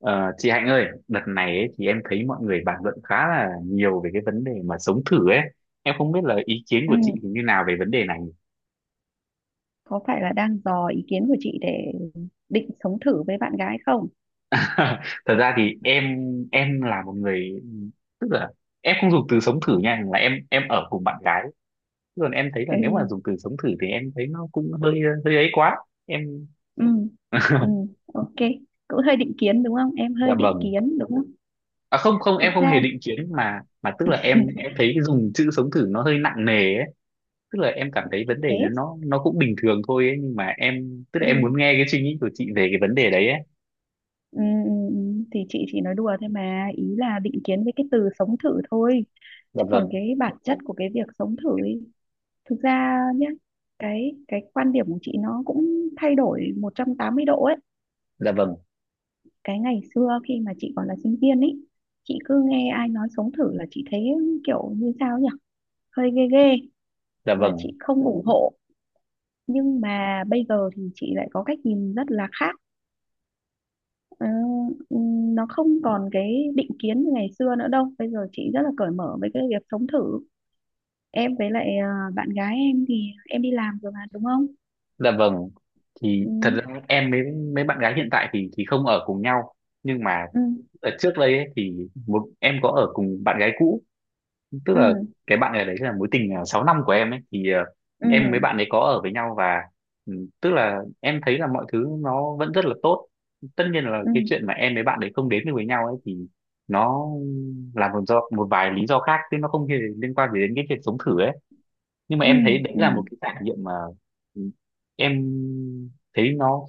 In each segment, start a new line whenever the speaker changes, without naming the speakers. Ờ, chị Hạnh ơi, đợt này ấy, thì em thấy mọi người bàn luận khá là nhiều về cái vấn đề mà sống thử ấy. Em không biết là ý kiến
Ừ,
của chị thì như nào về vấn đề này.
có phải là đang dò ý kiến của chị để định sống thử với bạn gái không?
Thật ra thì em là một người tức là em không dùng từ sống thử nha, là em ở cùng bạn gái. Còn em thấy là
Ừ,
nếu mà dùng từ sống thử thì em thấy nó cũng hơi hơi ấy quá. Em
ừ, ừ, ok. Cũng hơi định kiến đúng không? Em
dạ
hơi định
vâng.
kiến đúng không?
À, không không,
Thực
em không hề
ra
định kiến mà tức là em thấy cái dùng chữ sống thử nó hơi nặng nề ấy, tức là em cảm thấy
thì
vấn
thế.
đề nó cũng bình thường thôi ấy, nhưng mà em tức là em
Ừ,
muốn nghe cái suy nghĩ của chị về cái vấn đề đấy ấy.
ừ, thì chị chỉ nói đùa thôi mà. Ý là định kiến với cái từ sống thử thôi.
Dạ
Chứ còn
vâng,
cái bản chất của cái việc sống thử ấy, thực ra nhá, cái quan điểm của chị nó cũng thay đổi 180 độ ấy.
dạ vâng,
Cái ngày xưa khi mà chị còn là sinh viên ấy, chị cứ nghe ai nói sống thử là chị thấy kiểu như sao nhỉ, hơi ghê ghê
dạ
và
vâng,
chị không ủng hộ. Nhưng mà bây giờ thì chị lại có cách nhìn rất là khác. Ờ, nó không còn cái định kiến như ngày xưa nữa đâu, bây giờ chị rất là cởi mở với cái việc sống thử. Em với lại bạn gái em thì em đi làm rồi mà đúng không?
dạ vâng. Thì
Ừ
thật ra em với mấy bạn gái hiện tại thì không ở cùng nhau, nhưng mà
ừ
ở trước đây ấy, thì một em có ở cùng bạn gái cũ, tức
ừ
là cái bạn này đấy là mối tình 6 năm của em ấy thì
ừ
em với bạn ấy có ở với nhau, và ừ, tức là em thấy là mọi thứ nó vẫn rất là tốt. Tất nhiên là
ừ
cái chuyện mà em với bạn ấy không đến được với nhau ấy thì nó là một do một vài lý do khác, chứ nó không hề liên quan gì đến cái chuyện sống thử ấy. Nhưng mà
ừ
em thấy đấy
ừ
là một cái trải nghiệm mà em thấy nó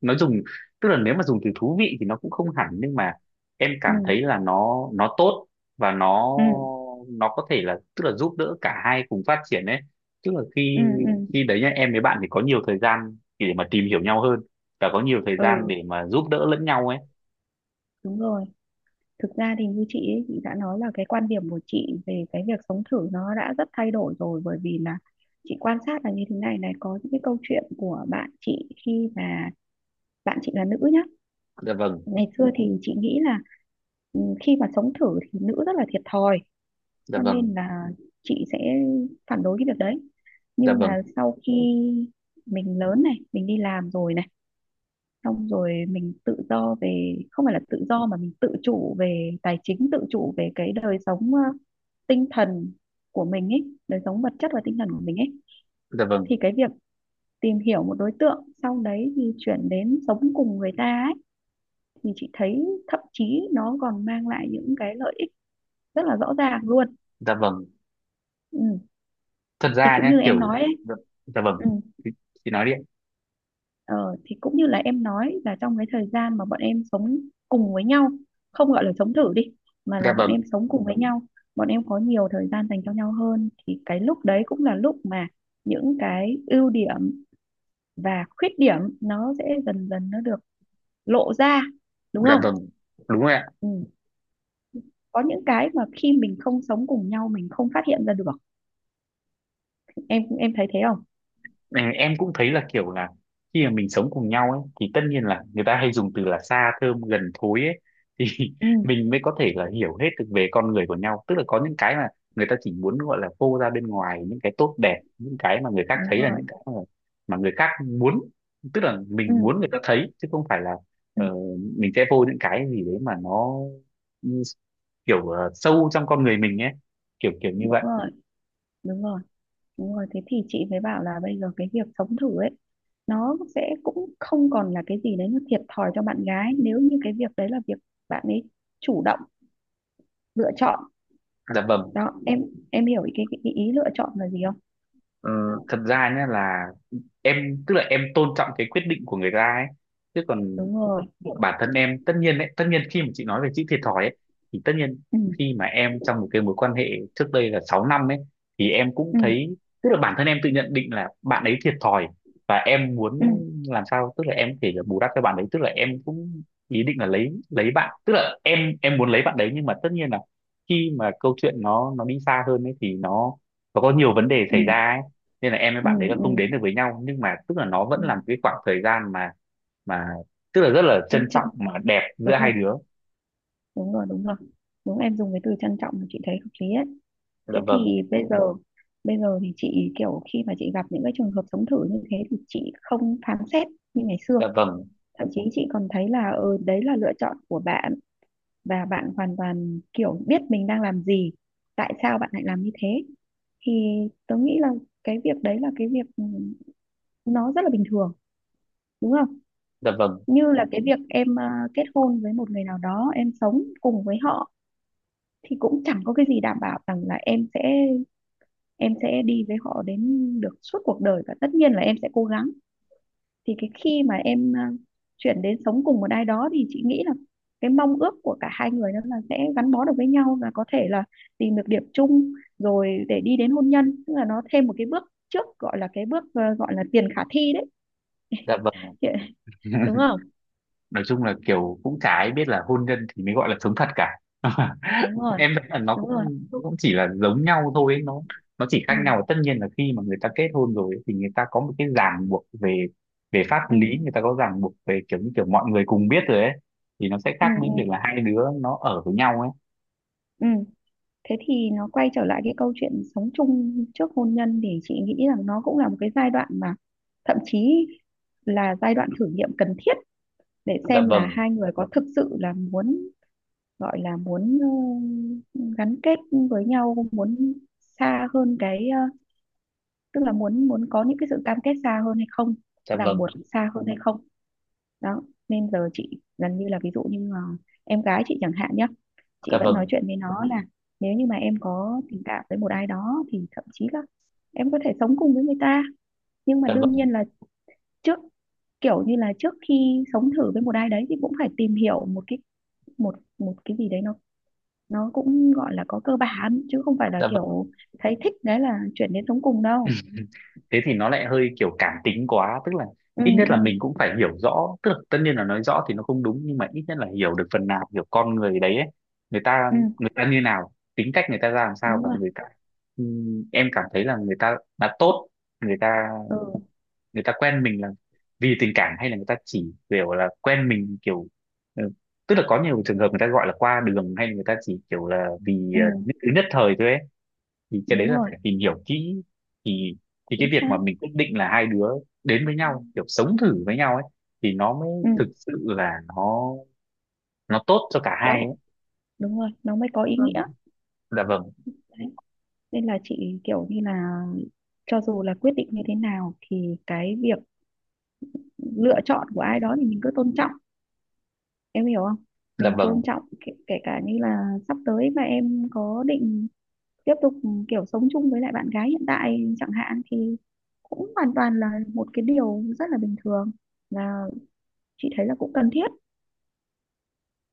nó dùng, tức là nếu mà dùng từ thú vị thì nó cũng không hẳn, nhưng mà em
ừ
cảm thấy là nó tốt, và nó
ừ
nó có thể là tức là giúp đỡ cả hai cùng phát triển ấy, tức là
ừ
khi
ừ ừ ừ,
khi đấy nhá, em với bạn thì có nhiều thời gian để mà tìm hiểu nhau hơn, và có nhiều thời gian
Ừ,
để mà giúp đỡ lẫn nhau ấy.
Đúng rồi, thực ra thì như chị ấy, chị đã nói là cái quan điểm của chị về cái việc sống thử nó đã rất thay đổi rồi, bởi vì là chị quan sát là như thế này này, có những cái câu chuyện của bạn chị khi mà bạn chị là nữ nhá.
Dạ vâng,
Ngày xưa thì chị nghĩ là ừ, khi mà sống thử thì nữ rất là thiệt thòi,
dạ
cho
vâng,
nên là chị sẽ phản đối cái việc đấy.
dạ
Nhưng mà
vâng,
sau khi mình lớn này, mình đi làm rồi này, xong rồi mình tự do về, không phải là tự do mà mình tự chủ về tài chính, tự chủ về cái đời sống tinh thần của mình ấy, đời sống vật chất và tinh thần của mình ấy,
dạ vâng,
thì cái việc tìm hiểu một đối tượng sau đấy thì chuyển đến sống cùng người ta ấy, thì chị thấy thậm chí nó còn mang lại những cái lợi ích rất là rõ ràng luôn.
dạ vâng.
Ừ.
Thật
Thì
ra
cũng
nhá,
như em
kiểu
nói ấy.
dạ, dạ vâng,
Ừ.
chị chị nói đi ạ.
Ờ, thì cũng như là em nói là trong cái thời gian mà bọn em sống cùng với nhau, không gọi là sống thử đi mà
Dạ
là bọn em
vâng.
sống cùng với nhau, bọn em có nhiều thời gian dành cho nhau hơn, thì cái lúc đấy cũng là lúc mà những cái ưu điểm và khuyết điểm nó sẽ dần dần nó được lộ ra, đúng
Dạ
không?
vâng, đúng rồi ạ.
Ừ. Có những cái mà khi mình không sống cùng nhau mình không phát hiện ra được, em thấy thế không?
Ừ, em cũng thấy là kiểu là khi mà mình sống cùng nhau ấy thì tất nhiên là người ta hay dùng từ là xa thơm gần thối ấy. Thì
Ừ
mình mới có thể là hiểu hết được về con người của nhau. Tức là có những cái mà người ta chỉ muốn gọi là phô ra bên ngoài những cái tốt đẹp, những cái mà người khác thấy
đúng
là
rồi.
những cái mà người khác muốn, tức là
ừ,
mình muốn người ta thấy, chứ không phải là
ừ
ờ, mình sẽ phô những cái gì đấy mà nó ừ, kiểu sâu trong con người mình ấy, kiểu kiểu như
Đúng
vậy.
rồi, đúng rồi. Đúng rồi, thế thì chị mới bảo là bây giờ cái việc sống thử ấy nó sẽ cũng không còn là cái gì đấy nó thiệt thòi cho bạn gái, nếu như cái việc đấy là việc bạn ấy chủ động lựa chọn.
Dạ vâng.
Đó em hiểu cái ý lựa chọn là gì không?
Ờ, Thật ra nhé là em, tức là em tôn trọng cái quyết định của người ta ấy, chứ còn
Đúng rồi.
bản thân em tất nhiên đấy, tất nhiên khi mà chị nói về chữ thiệt thòi ấy thì tất nhiên
ừ
khi mà em trong một cái mối quan hệ trước đây là 6 năm ấy, thì em cũng
ừ
thấy, tức là bản thân em tự nhận định là bạn ấy thiệt thòi, và em muốn
ừ
làm sao tức là em có thể là bù đắp cho bạn ấy, tức là em cũng ý định là lấy bạn, tức là em muốn lấy bạn đấy, nhưng mà tất nhiên là khi mà câu chuyện nó đi xa hơn ấy thì nó có nhiều vấn đề
ừ
xảy ra ấy, nên là em với
ừ
bạn đấy là
ừ,
không đến được với nhau, nhưng mà tức là nó vẫn
ừ.
là một cái khoảng thời gian mà tức là rất là
Em
trân
trân
trọng mà đẹp giữa
đúng
hai
rồi,
đứa.
đúng rồi đúng rồi. Đúng, em dùng cái từ trân trọng mà chị thấy hợp lý ấy.
Dạ
Thế
vâng,
thì bây giờ, bây giờ thì chị kiểu khi mà chị gặp những cái trường hợp sống thử như thế thì chị không phán xét như ngày xưa.
dạ vâng,
Thậm chí chị còn thấy là ừ, đấy là lựa chọn của bạn và bạn hoàn toàn kiểu biết mình đang làm gì, tại sao bạn lại làm như thế. Thì tớ nghĩ là cái việc đấy là cái việc ừ, nó rất là bình thường đúng không?
dạ vâng,
Như là cái việc em kết hôn với một người nào đó, em sống cùng với họ thì cũng chẳng có cái gì đảm bảo rằng là em sẽ, em sẽ đi với họ đến được suốt cuộc đời, và tất nhiên là em sẽ cố gắng. Thì cái khi mà em chuyển đến sống cùng một ai đó thì chị nghĩ là cái mong ước của cả hai người đó là sẽ gắn bó được với nhau và có thể là tìm được điểm chung, rồi để đi đến hôn nhân, tức là nó thêm một cái bước trước, gọi là cái bước gọi là tiền khả thi đấy.
dạ vâng.
Chị- đúng không?
Nói chung là kiểu cũng chả ai biết là hôn nhân thì mới gọi là sống thật cả.
Đúng rồi,
Em thấy là
đúng rồi.
nó cũng chỉ là giống nhau thôi ấy. nó chỉ khác
ừ
nhau tất nhiên là khi mà người ta kết hôn rồi ấy, thì người ta có một cái ràng buộc về về pháp
ừ
lý, người ta có ràng buộc về kiểu như kiểu mọi người cùng biết rồi ấy, thì nó sẽ
ừ
khác với
ừ
việc là hai đứa nó ở với nhau ấy.
ừ Thế thì nó quay trở lại cái câu chuyện sống chung trước hôn nhân, thì chị nghĩ rằng nó cũng là một cái giai đoạn mà thậm chí là giai đoạn thử nghiệm cần thiết, để
Dạ
xem là
vâng,
hai người có thực sự là muốn, gọi là muốn gắn kết với nhau, muốn xa hơn cái tức là muốn muốn có những cái sự cam kết xa hơn hay không,
dạ
ràng buộc
vâng,
xa hơn hay không. Đó, nên giờ chị gần như là ví dụ như em gái chị chẳng hạn nhé, chị
dạ
vẫn nói
vâng,
chuyện với nó là nếu như mà em có tình cảm với một ai đó thì thậm chí là em có thể sống cùng với người ta. Nhưng mà
dạ
đương
vâng,
nhiên là trước, kiểu như là trước khi sống thử với một ai đấy thì cũng phải tìm hiểu một cái, một một cái gì đấy nó cũng gọi là có cơ bản, chứ không phải là
dạ vâng.
kiểu thấy thích đấy là chuyển đến sống cùng đâu.
Thế thì nó lại hơi kiểu cảm tính quá, tức là
ừ
ít nhất
ừ
là mình cũng phải hiểu rõ, tức là tất nhiên là nói rõ thì nó không đúng, nhưng mà ít nhất là hiểu được phần nào, hiểu con người đấy ấy. người ta
ừ
người ta như nào, tính cách người ta ra làm sao,
Đúng
và
rồi.
người ta em cảm thấy là người ta là tốt, người ta
ừ
người ta quen mình là vì tình cảm, hay là người ta chỉ kiểu là quen mình kiểu ừ, tức là có nhiều trường hợp người ta gọi là qua đường, hay là người ta chỉ kiểu là vì
ừ
nhất thời thôi ấy, thì cái đấy
Đúng
là
rồi.
phải tìm hiểu kỹ, thì thì
Chính
cái việc
xác.
mà mình quyết định là hai đứa đến với nhau kiểu sống thử với nhau ấy, thì nó mới
Ừ
thực sự là nó tốt cho cả
có
hai ấy.
Đúng rồi, nó mới có
Dạ
ý
vâng.
nghĩa.
Dạ vâng,
Đấy, nên là chị kiểu như là cho dù là quyết định như thế nào thì cái việc lựa chọn của ai đó thì mình cứ tôn trọng, em hiểu không?
dạ
Mình tôn
vâng.
trọng kể, kể cả như là sắp tới mà em có định tiếp tục kiểu sống chung với lại bạn gái hiện tại chẳng hạn, thì cũng hoàn toàn là một cái điều rất là bình thường, và chị thấy là cũng cần thiết.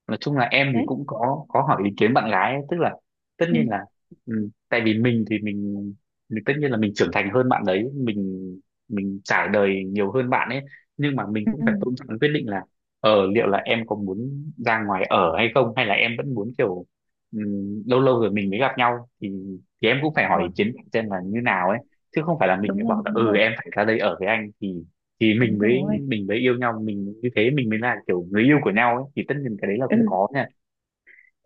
Nói chung là em thì
Đấy.
cũng có hỏi ý kiến bạn gái ấy, tức là tất
ừ,
nhiên là tại vì mình thì mình tất nhiên là mình trưởng thành hơn bạn đấy, mình trải đời nhiều hơn bạn ấy, nhưng mà mình
ừ,
cũng
ừ,
phải tôn trọng cái quyết định là liệu là em có muốn ra ngoài ở hay không, hay là em vẫn muốn kiểu ừ, lâu lâu rồi mình mới gặp nhau, thì em cũng phải
Đúng
hỏi ý
rồi,
kiến xem là như nào ấy, chứ không phải là mình mới
đúng rồi,
bảo là
đúng
ừ
rồi,
em phải ra đây ở với anh, thì thì mình
đúng
mới
rồi.
mình mới yêu nhau mình như thế mình mới là kiểu người yêu của nhau ấy, thì tất nhiên cái đấy là không
ừ,
có nha.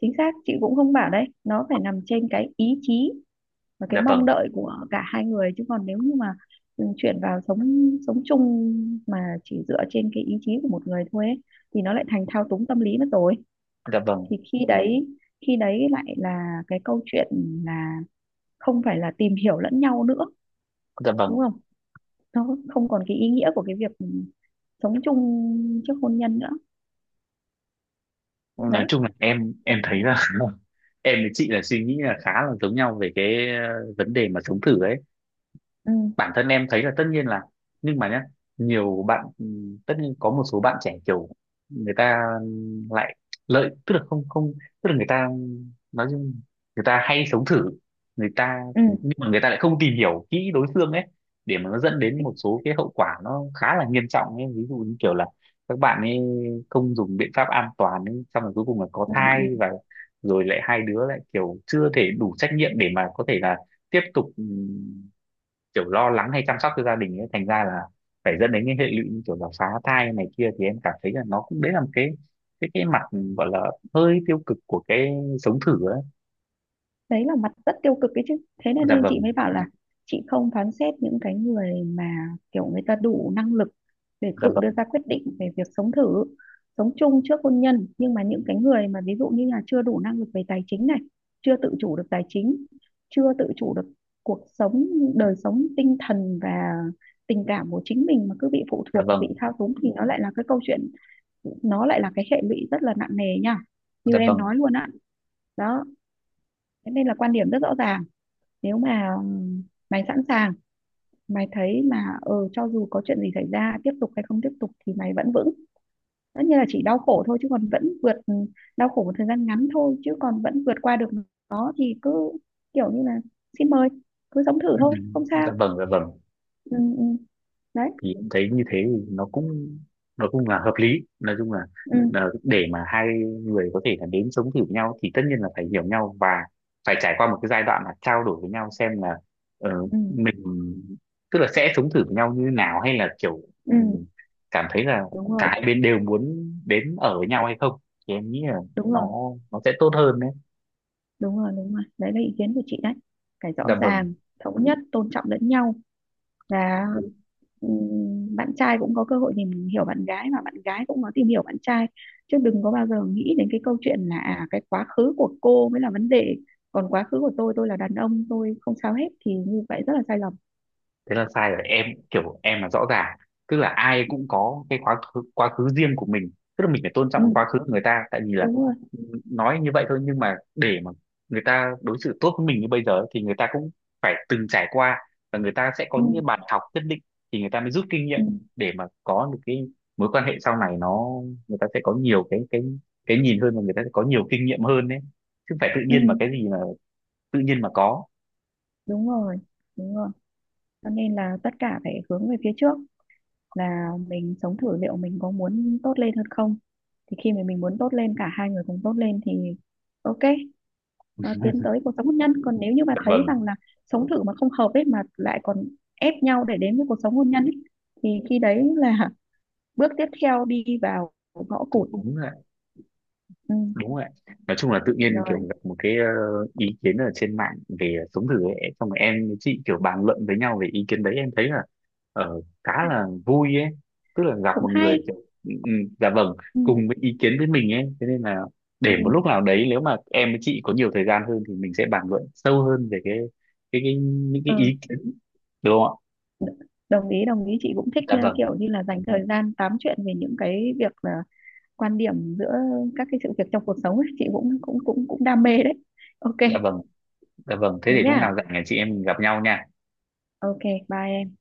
Chính xác, chị cũng không bảo, đấy nó phải nằm trên cái ý chí và cái
Dạ
mong
vâng,
đợi của cả hai người. Chứ còn nếu như mà chuyển vào sống sống chung mà chỉ dựa trên cái ý chí của một người thôi ấy, thì nó lại thành thao túng tâm lý mất rồi.
dạ vâng,
Thì khi đấy, khi đấy lại là cái câu chuyện là không phải là tìm hiểu lẫn nhau nữa,
dạ vâng.
đúng không? Nó không còn cái ý nghĩa của cái việc sống chung trước hôn nhân nữa.
Nói
Đấy.
chung là em thấy là em với chị là suy nghĩ là khá là giống nhau về cái vấn đề mà sống thử ấy.
ừ
Bản thân em thấy là tất nhiên là, nhưng mà nhá, nhiều bạn tất nhiên có một số bạn trẻ kiểu người ta lại lợi, tức là không không, tức là người ta, nói chung người ta hay sống thử, người ta
ừ
nhưng mà người ta lại không tìm hiểu kỹ đối phương ấy, để mà nó dẫn đến
Thích.
một số cái hậu quả nó khá là nghiêm trọng ấy, ví dụ như kiểu là các bạn ấy không dùng biện pháp an toàn ấy, xong rồi cuối cùng là có
ừ,
thai,
ừ.
và rồi lại hai đứa lại kiểu chưa thể đủ trách nhiệm để mà có thể là tiếp tục kiểu lo lắng hay chăm sóc cho gia đình ấy, thành ra là phải dẫn đến cái hệ lụy như kiểu là phá thai này kia, thì em cảm thấy là nó cũng đấy là một cái cái mặt gọi là hơi tiêu cực của cái sống thử ấy.
Đấy là mặt rất tiêu cực ấy chứ. Thế nên,
Dạ
nên chị
vâng,
mới bảo là chị không phán xét những cái người mà kiểu người ta đủ năng lực để
dạ
tự đưa
vâng,
ra quyết định về việc sống thử, sống chung trước hôn nhân. Nhưng mà những cái người mà ví dụ như là chưa đủ năng lực về tài chính này, chưa tự chủ được tài chính, chưa tự chủ được cuộc sống, đời sống tinh thần và tình cảm của chính mình mà cứ bị phụ
dạ
thuộc, bị
vâng,
thao túng, thì nó lại là cái câu chuyện, nó lại là cái hệ lụy rất là nặng nề nha, như
dạ
em
vâng,
nói luôn á. Đó. Thế nên là quan điểm rất rõ ràng, nếu mà mày sẵn sàng, mày thấy mà ờ cho dù có chuyện gì xảy ra tiếp tục hay không tiếp tục thì mày vẫn vững, tất nhiên là chỉ đau khổ thôi chứ còn vẫn vượt đau khổ một thời gian ngắn thôi chứ còn vẫn vượt qua được nó, thì cứ kiểu như là xin mời, cứ sống thử
ừ,
thôi không sao.
dạ vâng, dạ vâng.
ừ, ừ. Đấy.
Thì em thấy như thế thì nó cũng là hợp lý, nói chung
ừ,
là để mà hai người có thể là đến sống thử nhau thì tất nhiên là phải hiểu nhau, và phải trải qua một cái giai đoạn là trao đổi với nhau xem là ờ,
ừ,
mình tức là sẽ sống thử với nhau như nào, hay là kiểu ừ,
ừ.
cảm thấy là
Đúng
cả
rồi,
hai bên đều muốn đến ở với nhau hay không, thì em nghĩ là
đúng rồi,
nó nó sẽ tốt hơn đấy.
đúng rồi, đúng rồi, đấy là ý kiến của chị đấy. Phải rõ
Dạ vâng.
ràng, thống nhất, tôn trọng lẫn nhau, và bạn trai cũng có cơ hội tìm hiểu bạn gái và bạn gái cũng có tìm hiểu bạn trai. Chứ đừng có bao giờ nghĩ đến cái câu chuyện là à, cái quá khứ của cô mới là vấn đề, còn quá khứ của tôi là đàn ông tôi không sao hết, thì như vậy rất là sai lầm.
Thế là sai rồi em, kiểu em là rõ ràng, tức là ai
ừ,
cũng có cái quá khứ riêng của mình, tức là mình phải tôn
ừ,
trọng quá khứ của người ta, tại vì là
Đúng rồi.
ừ, nói như vậy thôi, nhưng mà để mà người ta đối xử tốt với mình như bây giờ thì người ta cũng phải từng trải qua, và người ta sẽ có
ừ,
những cái bài học nhất định thì người ta mới rút kinh nghiệm
ừ,
để mà có được cái mối quan hệ sau này nó, người ta sẽ có nhiều cái nhìn hơn, và người ta sẽ có nhiều kinh nghiệm hơn đấy, chứ không phải tự
ừ,
nhiên mà cái gì mà tự nhiên mà có.
Đúng rồi, đúng rồi. Cho nên là tất cả phải hướng về phía trước, là mình sống thử liệu mình có muốn tốt lên hơn không. Thì khi mà mình muốn tốt lên, cả hai người cùng tốt lên thì ok, tiến tới cuộc sống hôn nhân. Còn nếu như mà
Dạ
thấy
vâng,
rằng là sống thử mà không hợp ấy mà lại còn ép nhau để đến với cuộc sống hôn nhân ấy, thì khi đấy là bước tiếp theo đi vào ngõ cụt.
đúng ạ.
ừ,
Đúng rồi ạ. Nói chung là tự nhiên kiểu
Rồi,
gặp một cái ý kiến ở trên mạng về sống thử ấy, xong rồi em với chị kiểu bàn luận với nhau về ý kiến đấy, em thấy là khá là vui ấy, tức là gặp
cũng
một người
hay.
kiểu ừ, ừ, dạ vâng
ừ,
cùng với ý kiến với mình ấy, thế nên là để một lúc
ừ,
nào đấy nếu mà em với chị có nhiều thời gian hơn thì mình sẽ bàn luận sâu hơn về cái những cái
ừ.
ý kiến, đúng không ạ.
Đồng ý, đồng ý, chị cũng thích
Dạ vâng,
kiểu như là dành thời gian tám chuyện về những cái việc là quan điểm giữa các cái sự việc trong cuộc sống ấy. Chị cũng cũng cũng cũng đam mê đấy. Ok.
dạ vâng, dạ vâng, thế
Thế
để lúc
nhá.
nào rảnh là chị em mình gặp nhau nha
Ok. Bye em.